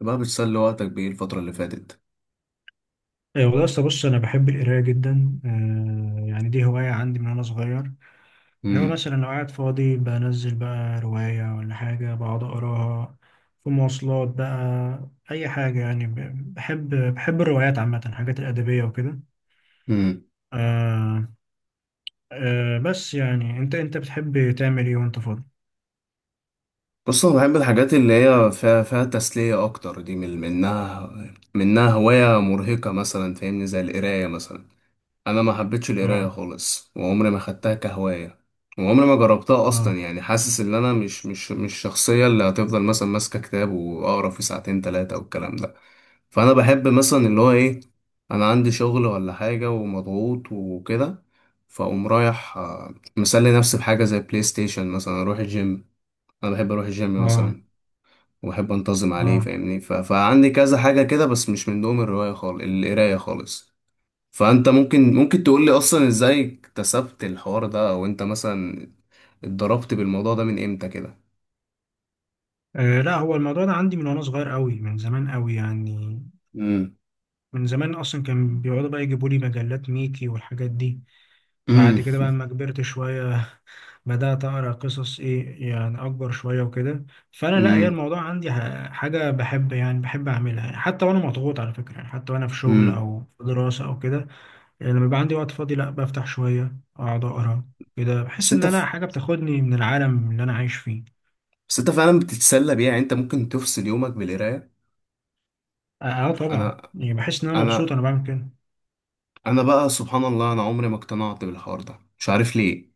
بقى بتسلي وقتك بإيه الفترة اللي فاتت؟ إيه والله أصل بص أنا بحب القراية جدا يعني دي هواية عندي من وأنا صغير. أنا امم مثلا لو قاعد فاضي بنزل بقى رواية ولا حاجة بقعد أقراها في مواصلات بقى أي حاجة، يعني بحب الروايات عامة، الحاجات الأدبية وكده. امم آه. آه. بس يعني أنت بتحب تعمل إيه وأنت فاضي؟ بص، أنا بحب الحاجات اللي هي فيها تسلية أكتر. دي من منها هواية مرهقة مثلا، فاهمني، زي القراية مثلا. أنا ما حبيتش القراية آه. خالص وعمري ما خدتها كهواية، وعمري ما جربتها آه. أصلا. يعني حاسس إن أنا مش الشخصية اللي هتفضل مثلا ماسكة كتاب وأقرأ فيه ساعتين تلاتة والكلام ده. فانا بحب مثلا اللي هو ايه، انا عندي شغل ولا حاجه ومضغوط وكده، فاقوم رايح، آه، مسلي نفسي بحاجه زي بلاي ستيشن مثلا، اروح الجيم. انا بحب اروح الجيم آه. مثلا وبحب انتظم عليه، آه. فاهمني. فعندي كذا حاجه كده، بس مش من دوم الروايه خالص، القرايه خالص. فانت ممكن تقول لي اصلا ازاي اكتسبت الحوار ده، او انت مثلا اتضربت بالموضوع ده من امتى كده. آه، لا هو الموضوع ده عندي من وأنا صغير قوي، من زمان قوي يعني. امم من زمان اصلا كان بيقعدوا بقى يجيبوا لي مجلات ميكي والحاجات دي. بعد امم كده بقى لما كبرت شوية بدأت أقرأ قصص إيه، يعني أكبر شوية وكده. فأنا لا، هي امم الموضوع عندي حاجة بحب، يعني بحب أعملها، يعني حتى وأنا مضغوط على فكرة، يعني حتى وأنا في شغل امم أو في دراسة أو كده. يعني لما يبقى عندي وقت فاضي لا بفتح شوية أقعد أقرأ، كده بس بحس إن انت أنا حاجة بتاخدني من العالم اللي أنا عايش فيه. بس انت فعلا بتتسلى بيها؟ يعني انت ممكن تفصل يومك بالقرايه؟ أه. آه. طبعا، انا يعني بحس إن أنا مبسوط انا أنا بعمل كده. انا بقى سبحان الله، انا عمري ما اقتنعت بالحوار ده، مش عارف ليه.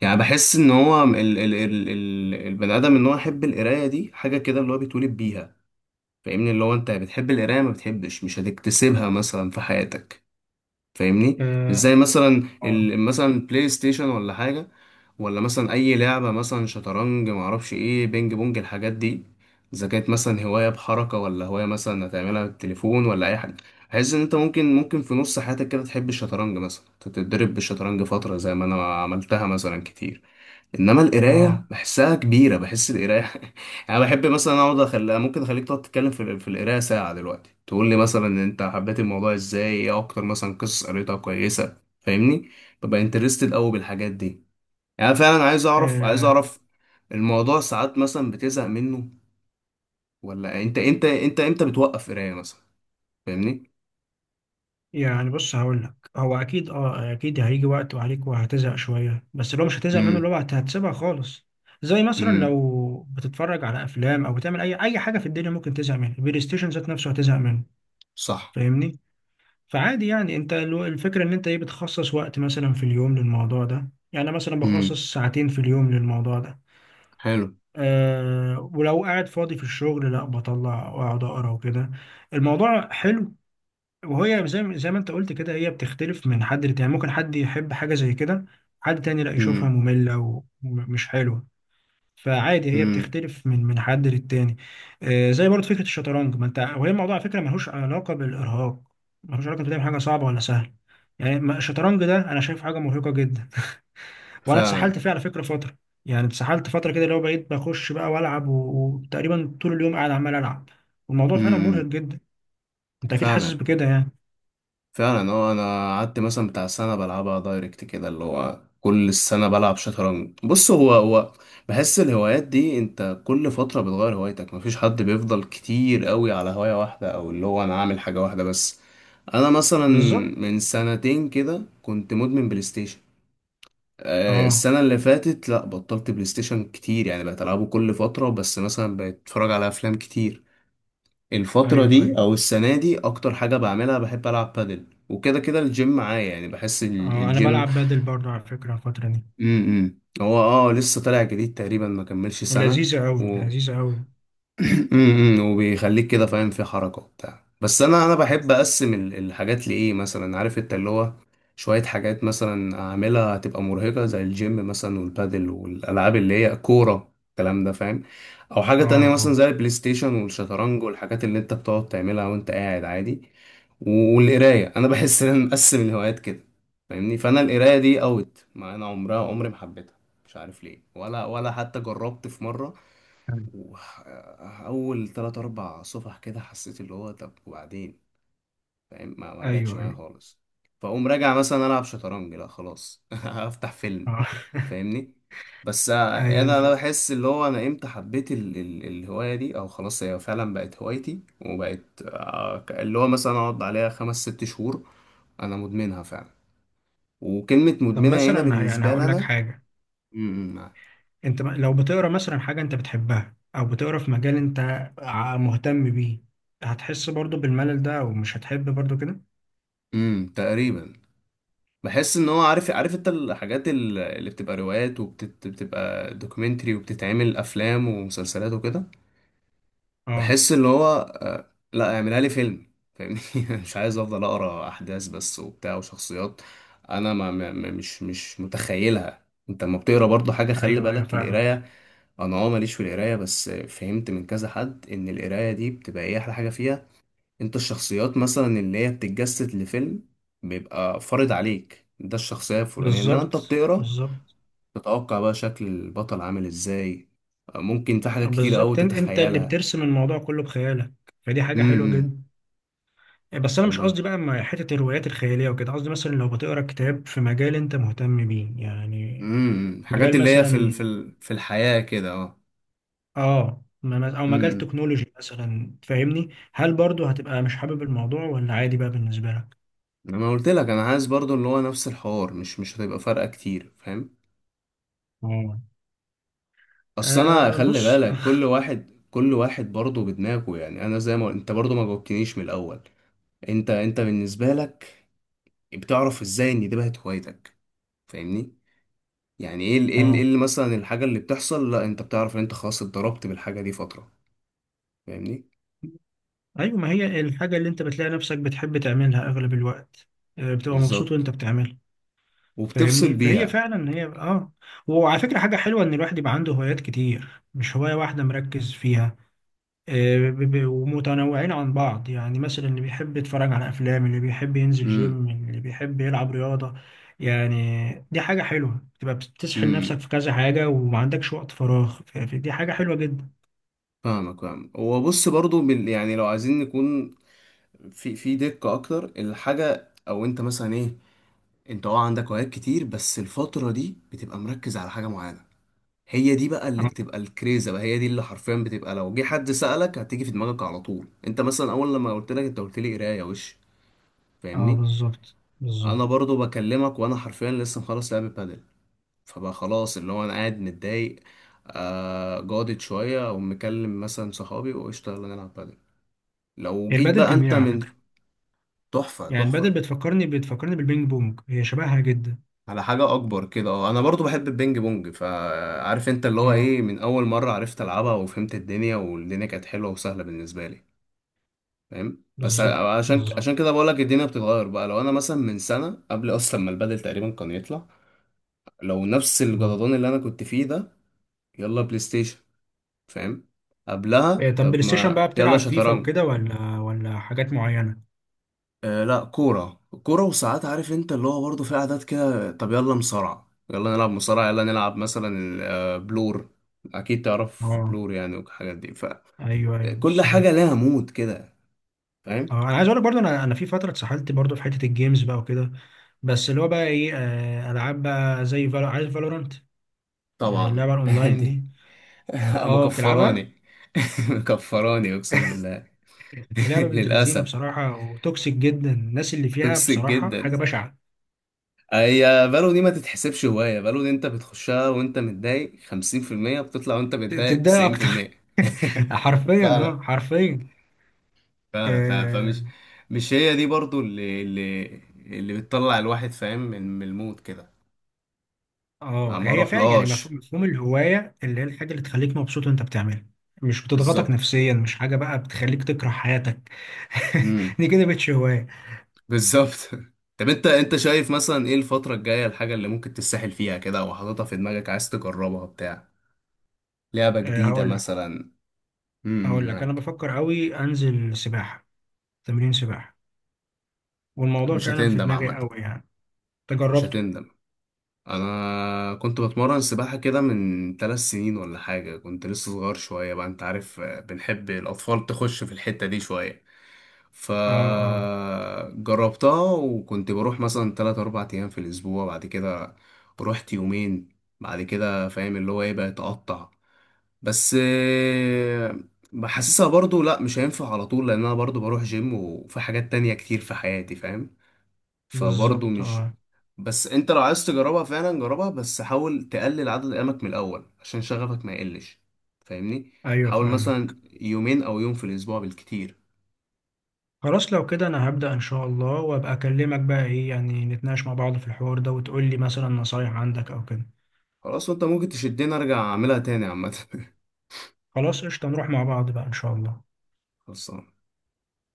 يعني بحس ان هو ال ال ال ال البني ادم ان هو يحب القرايه دي حاجه كده اللي هو بيتولد بيها. فاهمني، اللي هو انت بتحب القرايه، ما بتحبش، مش هتكتسبها مثلا في حياتك. فاهمني، مش آه. زي مثلا آه. مثلا بلاي ستيشن ولا حاجه، ولا مثلا اي لعبه، مثلا شطرنج، ما اعرفش ايه، بينج بونج، الحاجات دي. اذا كانت مثلا هوايه بحركه ولا هوايه مثلا هتعملها بالتليفون ولا اي حاجه، بحيث ان انت ممكن في نص حياتك كده تحب الشطرنج مثلا، تتدرب بالشطرنج فتره زي ما انا عملتها مثلا كتير. انما القرايه آه. بحسها كبيره، بحس القرايه يعني بحب مثلا اقعد اخليها، ممكن اخليك تقعد تتكلم في القرايه ساعه دلوقتي، تقول لي مثلا إن انت حبيت الموضوع ازاي، ايه اكتر مثلا قصص قريتها كويسه، فاهمني. ببقى انترستد قوي بالحاجات دي. يعني فعلا عايز اعرف، عايز آه. اعرف. الموضوع ساعات مثلا بتزهق منه؟ ولا انت امتى بتوقف قرايه مثلا؟ فاهمني. يعني بص، هقول لك هو اكيد اكيد هيجي وقت وعليك وهتزهق شويه، بس لو مش هتزهق منه اللي امم هو هتسيبها خالص. زي مثلا امم لو بتتفرج على افلام او بتعمل اي حاجه في الدنيا ممكن تزهق منها، البلاي ستيشن ذات نفسه هتزهق منه، صح. فاهمني؟ فعادي يعني انت الفكره ان انت ايه بتخصص وقت مثلا في اليوم للموضوع ده، يعني أنا مثلا امم بخصص ساعتين في اليوم للموضوع ده. حلو. أه، ولو قاعد فاضي في الشغل لا بطلع واقعد اقرا وكده، الموضوع حلو. وهي زي ما انت قلت كده هي بتختلف من حد لتاني، يعني ممكن حد يحب حاجة زي كده، حد تاني لا يشوفها امم مملة ومش حلوة، فعادي هي امم بتختلف من حد للتاني. آه، زي برضه فكرة الشطرنج، ما انت وهي الموضوع على فكرة ملهوش علاقة بالإرهاق، ملهوش علاقة بتعمل حاجة صعبة ولا سهلة، يعني الشطرنج ده انا شايف حاجة مرهقة جدا. وانا فعلا. اتسحلت فيه على فكرة فترة، يعني اتسحلت فترة كده اللي هو بقيت بخش بقى والعب وتقريبا طول اليوم قاعد عمال العب، والموضوع فعلا مرهق امم جدا، انت اكيد حاسس فعلا، بكده يعني. فعلا اه. انا قعدت مثلا بتاع سنه بلعبها دايركت كده، اللي هو كل السنه بلعب شطرنج. بص هو بحس الهوايات دي انت كل فتره بتغير هوايتك، مفيش حد بيفضل كتير قوي على هوايه واحده، او اللي هو انا عامل حاجه واحده بس. انا مثلا بالظبط. من سنتين كده كنت مدمن بلاي ستيشن. آه، اه. السنه اللي فاتت لا، بطلت بلاي ستيشن كتير، يعني بقيت العبه كل فتره بس، مثلا بقيت اتفرج على افلام كتير. الفترة ايوه. دي ايوه. أو السنة دي أكتر حاجة بعملها بحب ألعب بادل، وكده كده الجيم معايا، يعني بحس اه انا الجيم. بلعب بادل برضو على فكره الفتره دي، م -م. هو اه لسه طالع جديد تقريبا، ما كملش سنة. لذيذه قوي، لذيذه قوي. وبيخليك كده فاهم في حركة وبتاع. بس انا بحب اقسم الحاجات لايه، مثلا عارف انت اللي هو، شوية حاجات مثلا اعملها هتبقى مرهقة زي الجيم مثلا والبادل والالعاب اللي هي كورة، الكلام ده، فاهم. او حاجة اه. تانية مثلا اه. زي البلاي ستيشن والشطرنج والحاجات اللي انت بتقعد تعملها وانت قاعد عادي. والقراية، انا بحس ان انا مقسم الهوايات كده، فاهمني. فانا القراية دي اوت، ما انا عمرها، عمري ما حبيتها، مش عارف ليه، ولا حتى جربت في مرة. وح- اول 3 أو 4 صفح كده حسيت اللي هو طب وبعدين، فاهم، ما جاتش ايوه. معايا ايوه. خالص. فاقوم راجع مثلا العب شطرنج، لا خلاص افتح فيلم، اه. فاهمني. بس آه، ايوه انا انا فاهم. بحس اللي هو، انا امتى حبيت ال ال الهوايه دي، او خلاص هي فعلا بقت هوايتي وبقت آه، اللي هو مثلا اقعد عليها 5 أو 6 شهور. انا مدمنها فعلا، وكلمه طب مدمنه هنا مثلا يعني بالنسبه لي هقول لك انا. حاجه، انت لو بتقرا مثلا حاجه انت بتحبها او بتقرا في مجال انت مهتم بيه، هتحس برضو بالملل ده او مش هتحب برضو كده؟ تقريبا. بحس ان هو عارف انت الحاجات اللي بتبقى روايات وبتبقى دوكيومنتري وبتتعمل افلام ومسلسلات وكده، اه. بحس ان هو آه، لا اعملها لي فيلم، فاهمني مش عايز افضل اقرا احداث بس وبتاع وشخصيات. انا مش متخيلها، انت لما بتقرا برضه حاجه خلي ايوه، ايوه، بالك القرايه. فاهمك. انا اه ماليش في القرايه، بس فهمت من كذا حد ان القرايه دي بتبقى ايه احلى حاجه فيها، انت الشخصيات مثلا اللي هي بتتجسد لفيلم بيبقى فارض عليك ده الشخصية الفلانية، انما بالظبط. انت بتقرا، بالظبط. تتوقع بقى شكل البطل عامل ازاي، ممكن في حاجات كتير قوي بالظبط، انت اللي تتخيلها. بترسم الموضوع كله بخيالك، فدي حاجه حلوه امم جدا. بس انا مش بالظبط. قصدي بقى مع حته الروايات الخياليه وكده، قصدي مثلا لو بتقرا كتاب في مجال انت مهتم بيه يعني، حاجات مجال اللي هي في مثلا. في الحياة كده اه. اه او مجال امم تكنولوجي مثلا، تفهمني؟ هل برضو هتبقى مش حابب الموضوع، ولا عادي بقى بالنسبه لك؟ انا قلت لك انا عايز برضو اللي هو نفس الحوار، مش هتبقى فارقة كتير، فاهم. اه. اصل انا آه، خلي بص. بالك كل واحد كل واحد برضو بدماغه، يعني انا زي ما انت برضو ما جاوبتنيش من الاول. انت بالنسبه لك بتعرف ازاي ان دي بقت هوايتك؟ فاهمني، يعني ايه إيه اه. اللي مثلا الحاجه اللي بتحصل لا انت بتعرف ان انت خلاص اتضربت بالحاجه دي فتره؟ فاهمني. ايوه، ما هي الحاجه اللي انت بتلاقي نفسك بتحب تعملها اغلب الوقت، آه، بتبقى مبسوط بالظبط، وانت بتعملها، وبتفصل فاهمني؟ فهي بيها. فعلا هي وعلى فكره حاجه حلوه ان الواحد يبقى عنده هوايات كتير مش هوايه واحده مركز فيها. آه، ومتنوعين عن بعض، يعني مثلا اللي بيحب يتفرج على أفلام، اللي بيحب ينزل امم جيم، اللي بيحب يلعب رياضة، يعني دي حاجة حلوة تبقى بتسحل نفسك امم في كذا حاجة وما عندكش وقت فراغ، دي حاجة حلوة جدا. فاهمك، فاهم. هو بص برضو بال يعني لو عايزين نكون في دقه اكتر، الحاجه او انت مثلا ايه، انت اه عندك هوايات كتير بس الفتره دي بتبقى مركز على حاجه معينه، هي دي بقى اللي اه. بتبقى الكريزه بقى، هي دي اللي حرفيا بتبقى لو جه حد سألك هتيجي في دماغك على طول. انت مثلا اول لما قلت لك، انت قلت لي قرايه وش، آه، فاهمني. بالظبط، انا بالظبط. برضو بكلمك وانا حرفيا لسه مخلص لعب بادل، فبقى خلاص اللي هو انا قاعد متضايق آه جادت شويه، او مكلم مثلا صحابي وقشطه يلا نلعب بادل. لو هي جيت البادل بقى انت جميلة على من، فكرة، تحفه يعني البادل تحفه. بتفكرني بالبينج بونج، هي شبهها جدا. على حاجه اكبر كده اه، انا برضو بحب البينج بونج، فعارف انت اللي هو اه. ايه، من اول مره عرفت العبها وفهمت الدنيا والدنيا كانت حلوه وسهله بالنسبه لي، فاهم. بس بالظبط، عشان بالظبط. كده بقول لك الدنيا بتتغير بقى، لو انا مثلا من سنه قبل اصلا ما البدل تقريبا كان يطلع، لو نفس آه. الجدضان اللي انا كنت فيه ده، يلا بلاي ستيشن، فاهم، قبلها إيه، طب طب بلاي ستيشن بقى ما يلا بتلعب فيفا شطرنج. وكده ولا حاجات معينة؟ آه لا، كوره كوره، وساعات عارف انت اللي هو برضه في عادات كده، طب يلا مصارعه يلا نلعب مصارعه، يلا نلعب مثلا آه، بلور، اكيد تعرف اه. بلور يعني، والحاجات دي. ايوه، ايوه، فكل حاجه السباق. لها مود كده، فاهم. اه انا عايز اقول لك برضو، انا في فتره اتسحلت برضو في حته الجيمز بقى وكده، بس اللي هو بقى ايه آه، العاب بقى زي فالو، عارف فالورانت؟ آه، طبعا. اللعبه الاونلاين دي. اه، بتلعبها؟ مكفراني مكفراني اقسم بالله. اللعبه بنت لذينه للاسف، بصراحه وتوكسيك جدا، الناس اللي فيها توكسيك بصراحه جدا. حاجه بشعه. هي بالو دي ما تتحسبش هوايه، بالو دي انت بتخشها وانت متضايق 50%، بتطلع وانت متضايق تتضايق اكتر. 90%. حرفيا فعلا، حرفيا. فعلا، فعلا، فمش، اه. مش هي دي برضو اللي اللي بتطلع الواحد فاهم من المود كده. ما آه، ما هي فعلا يعني اروحلهاش. مفهوم الهوايه اللي هي الحاجه اللي تخليك مبسوط وانت بتعملها، مش بتضغطك بالظبط، نفسيا، مش حاجه بقى بتخليك تكره حياتك. دي كده مش هوايه. بالظبط. طب انت شايف مثلا ايه الفترة الجاية الحاجة اللي ممكن تتسحل فيها كده، او حاططها في دماغك عايز تجربها بتاع لعبة آه، جديدة هقول مثلا؟ هقول لك، انا معاك. بفكر قوي انزل سباحه، تمرين سباحه، والموضوع مش فعلا في هتندم دماغي عامة، قوي يعني، مش تجربته. هتندم. انا كنت بتمرن سباحة كده من 3 سنين ولا حاجة، كنت لسه صغير شوية بقى، انت عارف آه، بنحب الاطفال تخش في الحتة دي شوية. اه. اه. فجربتها وكنت بروح مثلا 3 أو 4 أيام في الأسبوع. بعد كده رحت يومين، بعد كده فاهم اللي هو ايه بقى يتقطع. بس آه، بحسسها برضو لا مش هينفع على طول، لان انا برضو بروح جيم وفي حاجات تانية كتير في حياتي فاهم، فبرضو بالظبط. مش. اه. بس انت لو عايز تجربها فعلا جربها، بس حاول تقلل عدد ايامك من الاول عشان شغفك ما يقلش، فاهمني. ايوه، حاول فعلا. مثلا يومين او يوم في الاسبوع بالكتير. خلاص لو كده انا هبدا ان شاء الله، وابقى اكلمك بقى ايه يعني نتناقش مع بعض في الحوار ده وتقول لي مثلا نصايح عندك او كده. خلاص، وانت ممكن تشدني ارجع اعملها تاني عامه خلاص قشطه، نروح مع بعض بقى ان شاء الله. خلصان.